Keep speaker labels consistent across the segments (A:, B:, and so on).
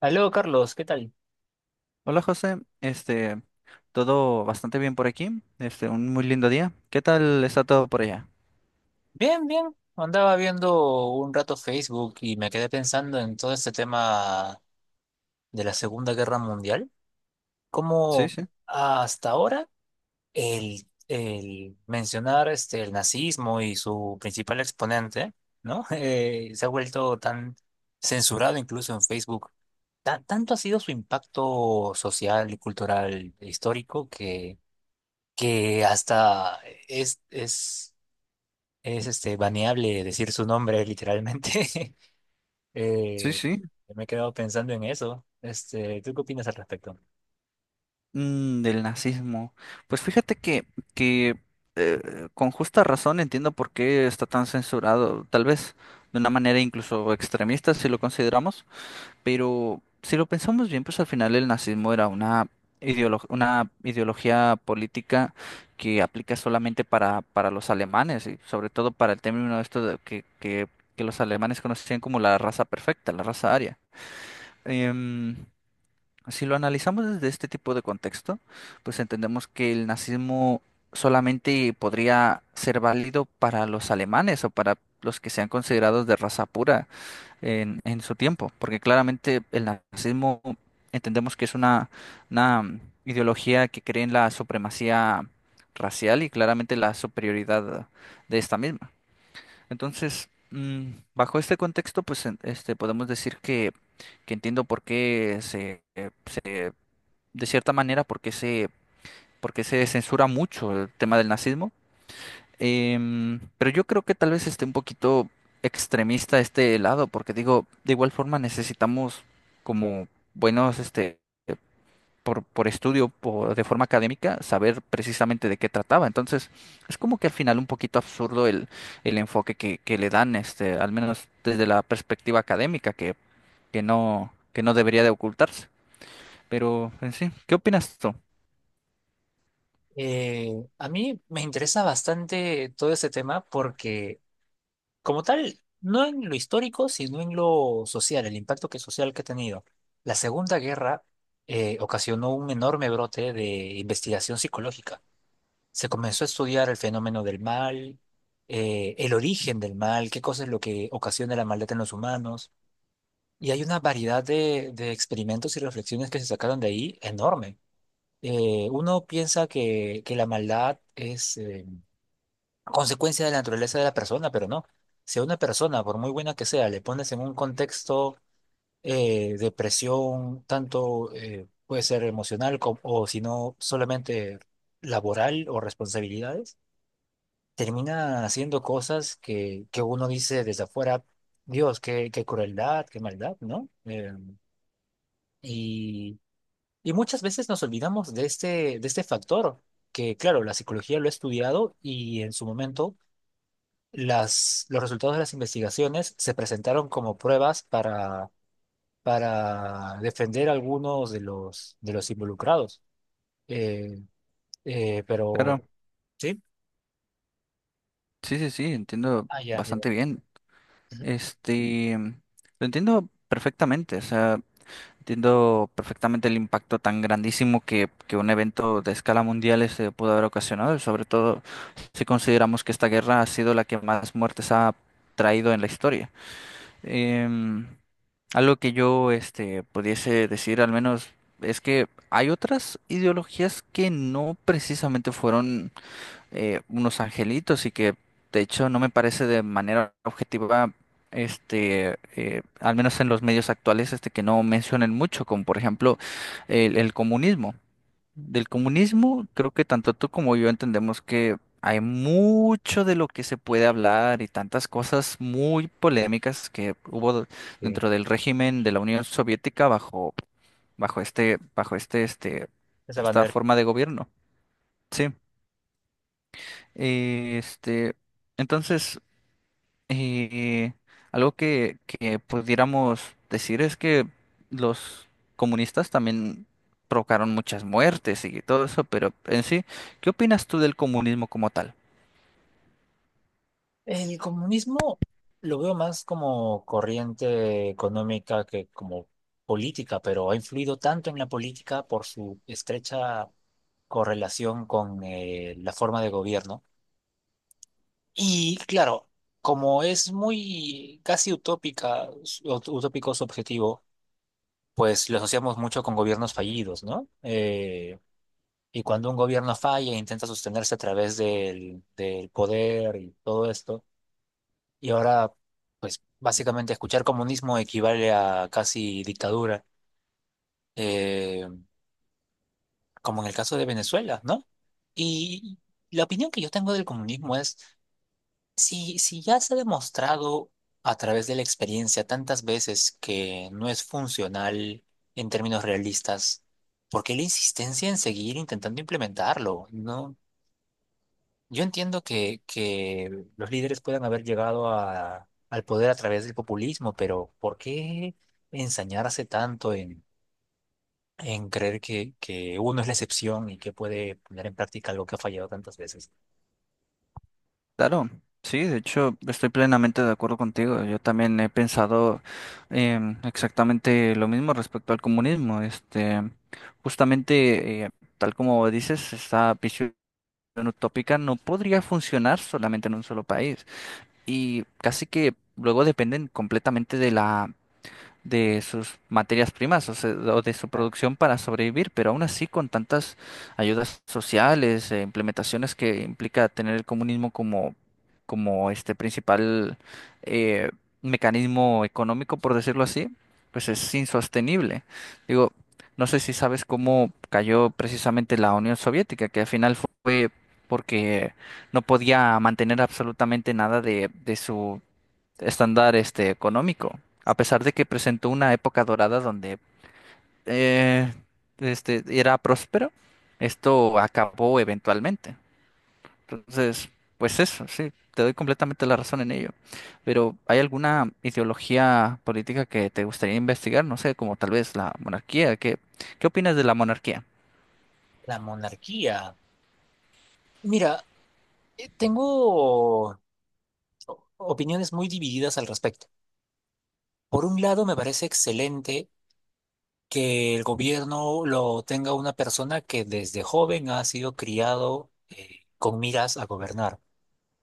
A: Aló, Carlos, ¿qué tal?
B: Hola José, todo bastante bien por aquí, un muy lindo día. ¿Qué tal está todo por allá?
A: Bien, bien. Andaba viendo un rato Facebook y me quedé pensando en todo este tema de la Segunda Guerra Mundial.
B: Sí,
A: Cómo
B: sí,
A: hasta ahora el mencionar este, el nazismo y su principal exponente, ¿no? Se ha vuelto tan censurado incluso en Facebook. Tanto ha sido su impacto social y cultural e histórico que hasta es, es es este, baneable decir su nombre literalmente.
B: sí,
A: Eh,
B: sí.
A: Me he quedado pensando en eso. Este, ¿tú qué opinas al respecto?
B: Mm, del nazismo. Pues fíjate que con justa razón entiendo por qué está tan censurado, tal vez de una manera incluso extremista si lo consideramos. Pero si lo pensamos bien, pues al final el nazismo era una una ideología política que aplica solamente para los alemanes y sobre todo para el término de esto de que los alemanes conocían como la raza perfecta, la raza aria. Em, si lo analizamos desde este tipo de contexto, pues entendemos que el nazismo solamente podría ser válido para los alemanes o para los que sean considerados de raza pura en su tiempo, porque claramente el nazismo entendemos que es una ideología que cree en la supremacía racial y claramente la superioridad de esta misma. Entonces, bajo este contexto, pues podemos decir que entiendo por qué se, se, de cierta manera, por qué se censura mucho el tema del nazismo. Pero yo creo que tal vez esté un poquito extremista este lado, porque digo, de igual forma necesitamos como buenos, este, por estudio, por, de forma académica, saber precisamente de qué trataba. Entonces, es como que al final un poquito absurdo el enfoque que le dan, este, al menos desde la perspectiva académica, que no debería de ocultarse. Pero en sí, ¿qué opinas tú?
A: Eh, a mí me interesa bastante todo este tema porque, como tal, no en lo histórico, sino en lo social, el impacto que social que ha tenido. La Segunda Guerra ocasionó un enorme brote de investigación psicológica. Se comenzó a estudiar el fenómeno del mal, el origen del mal, qué cosa es lo que ocasiona la maldad en los humanos. Y hay una variedad de experimentos y reflexiones que se sacaron de ahí enorme. Uno piensa que la maldad es consecuencia de la naturaleza de la persona, pero no. Si a una persona, por muy buena que sea, le pones en un contexto de presión, tanto puede ser emocional como, o si no, solamente laboral o responsabilidades, termina haciendo cosas que uno dice desde afuera, Dios, qué crueldad, qué maldad, ¿no? Y Y muchas veces nos olvidamos de este factor, que claro, la psicología lo ha estudiado y en su momento los resultados de las investigaciones se presentaron como pruebas para defender a algunos de de los involucrados. Eh,
B: Claro,
A: pero, ¿sí?
B: sí, sí, sí, entiendo
A: Ah, ya. Ya.
B: bastante bien.
A: Ujú.
B: Este, lo entiendo perfectamente, o sea, entiendo perfectamente el impacto tan grandísimo que un evento de escala mundial este pudo haber ocasionado, y sobre todo si consideramos que esta guerra ha sido la que más muertes ha traído en la historia. Em, Algo que yo este pudiese decir al menos es que hay otras ideologías que no precisamente fueron unos angelitos y que de hecho no me parece de manera objetiva, al menos en los medios actuales, este, que no mencionen mucho, como por ejemplo el comunismo. Del comunismo creo que tanto tú como yo entendemos que hay mucho de lo que se puede hablar y tantas cosas muy polémicas que hubo
A: Sí,
B: dentro del régimen de la Unión Soviética bajo
A: esa
B: esta
A: manera.
B: forma de gobierno. Sí. Eh, este, entonces, eh, algo que pudiéramos decir es que los comunistas también provocaron muchas muertes y todo eso, pero en sí, ¿qué opinas tú del comunismo como tal?
A: El comunismo lo veo más como corriente económica que como política, pero ha influido tanto en la política por su estrecha correlación con la forma de gobierno. Y claro, como es muy casi utópica, utópico su objetivo, pues lo asociamos mucho con gobiernos fallidos, ¿no? Y cuando un gobierno falla, e intenta sostenerse a través del poder y todo esto. Y ahora, pues básicamente escuchar comunismo equivale a casi dictadura, eh, como en el caso de Venezuela, ¿no? Y la opinión que yo tengo del comunismo es... Si, si ya se ha demostrado a través de la experiencia tantas veces que no es funcional en términos realistas, ¿por qué la insistencia en seguir intentando implementarlo? No, yo entiendo que los líderes puedan haber llegado al poder a través del populismo, pero ¿por qué ensañarse tanto en creer que uno es la excepción y que puede poner en práctica algo que ha fallado tantas veces?
B: Claro, sí, de hecho, estoy plenamente de acuerdo contigo. Yo también he pensado exactamente lo mismo respecto al comunismo. Este, justamente, tal como dices, está Unión utópica no podría funcionar solamente en un solo país. Y casi que luego dependen completamente de sus materias primas o, o de su producción para sobrevivir, pero aún así con tantas ayudas sociales e implementaciones que implica tener el comunismo como, como este principal eh, mecanismo económico, por decirlo así, pues es insostenible. Digo, no sé si sabes cómo cayó precisamente la Unión Soviética, que al final fue porque no podía mantener absolutamente nada de su estándar este económico, a pesar de que presentó una época dorada donde eh, este era próspero, esto acabó eventualmente. Entonces, pues eso, sí, te doy completamente la razón en ello. Pero ¿hay alguna ideología política que te gustaría investigar? No sé, como tal vez la monarquía. Qué opinas de la monarquía?
A: La monarquía. Mira, tengo opiniones muy divididas al respecto. Por un lado, me parece excelente que el gobierno lo tenga una persona que desde joven ha sido criado con miras a gobernar,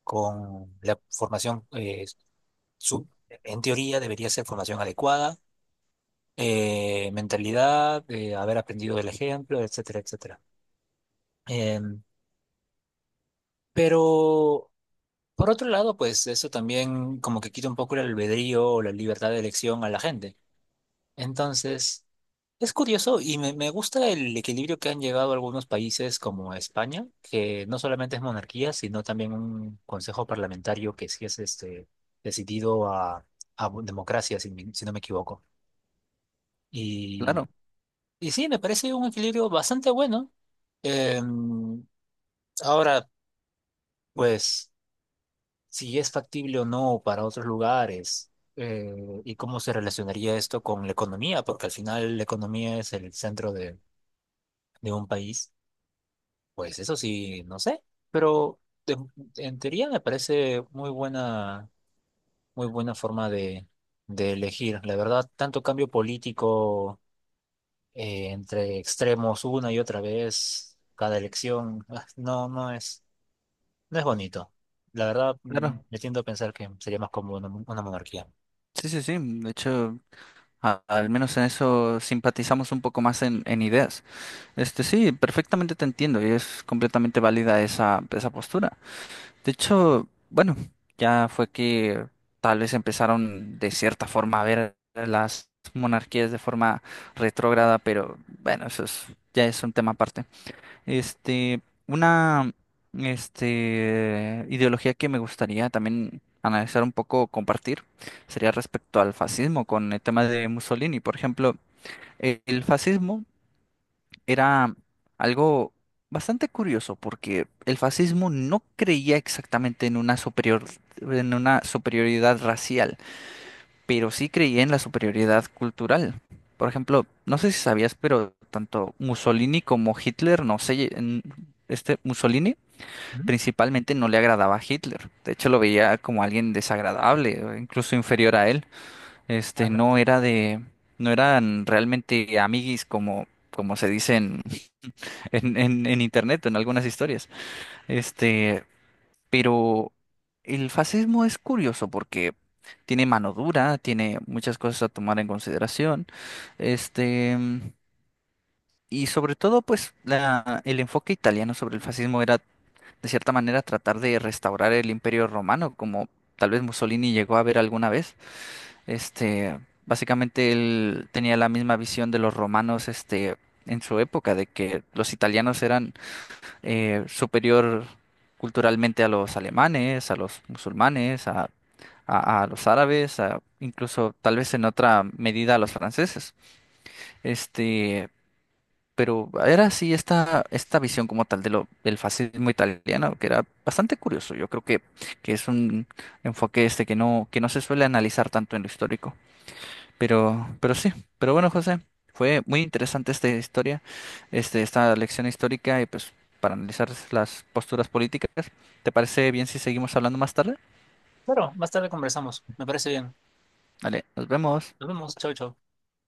A: con la formación, su- en teoría debería ser formación adecuada, mentalidad, haber aprendido del ejemplo, etcétera, etcétera. Em, pero... Por otro lado, pues eso también como que quita un poco el albedrío o la libertad de elección a la gente. Entonces, es curioso y me gusta el equilibrio que han llegado algunos países como España, que no solamente es monarquía, sino también un consejo parlamentario que sí es este, decidido a democracia, si, si no me equivoco. Y,
B: Claro,
A: y sí, me parece un equilibrio bastante bueno. Em, ahora, pues, si es factible o no para otros lugares eh, y cómo se relacionaría esto con la economía, porque al final la economía es el centro de un país, pues eso sí, no sé, pero en, en teoría me parece muy buena forma de elegir. La verdad, tanto cambio político entre extremos una y otra vez, cada elección, ah, no, no es, no es bonito. La verdad, mm,
B: claro.
A: me tiendo a pensar que sería más cómodo una, una monarquía.
B: Sí, sí, sí. De hecho, al menos en eso simpatizamos un poco más en ideas. Este sí, perfectamente te entiendo y es completamente válida esa postura. De hecho, bueno, ya fue que tal vez empezaron de cierta forma a ver las monarquías de forma retrógrada, pero bueno, eso es, ya es un tema aparte. Este, una este, ideología que me gustaría también analizar un poco, compartir, sería respecto al fascismo con el tema de Mussolini. Por ejemplo, el fascismo era algo bastante curioso porque el fascismo no creía exactamente en una superior, en una superioridad racial, pero sí creía en la superioridad cultural. Por ejemplo, no sé si sabías, pero tanto Mussolini como Hitler, no sé, Mussolini
A: Ujú.
B: principalmente no le agradaba a Hitler. De hecho, lo veía como alguien desagradable, o incluso inferior a él.
A: Ah,
B: Este
A: no no
B: no
A: sé.
B: era de, no eran realmente amiguis como, como se dicen en internet, en algunas historias. Este, pero el fascismo es curioso porque tiene mano dura, tiene muchas cosas a tomar en consideración. Este, y sobre todo, pues, la, el enfoque italiano sobre el fascismo era, de cierta manera, tratar de restaurar el imperio romano, como tal vez Mussolini llegó a ver alguna vez. Este, básicamente él tenía la misma visión de los romanos, este, en su época, de que los italianos eran superior culturalmente a los alemanes, a los musulmanes, a los árabes, a- incluso tal vez en otra medida a los franceses. Este, pero era así esta visión como tal del fascismo italiano, que era bastante curioso. Yo creo que es un enfoque este que no se suele analizar tanto en lo histórico. Pero, pero sí, pero bueno, José, fue muy interesante esta historia, este, esta lección histórica y pues para analizar las posturas políticas. ¿Te parece bien si seguimos hablando más tarde?
A: Claro, más tarde conversamos. Me parece bien.
B: Vale, nos vemos.
A: Nos vemos. Chau, chau.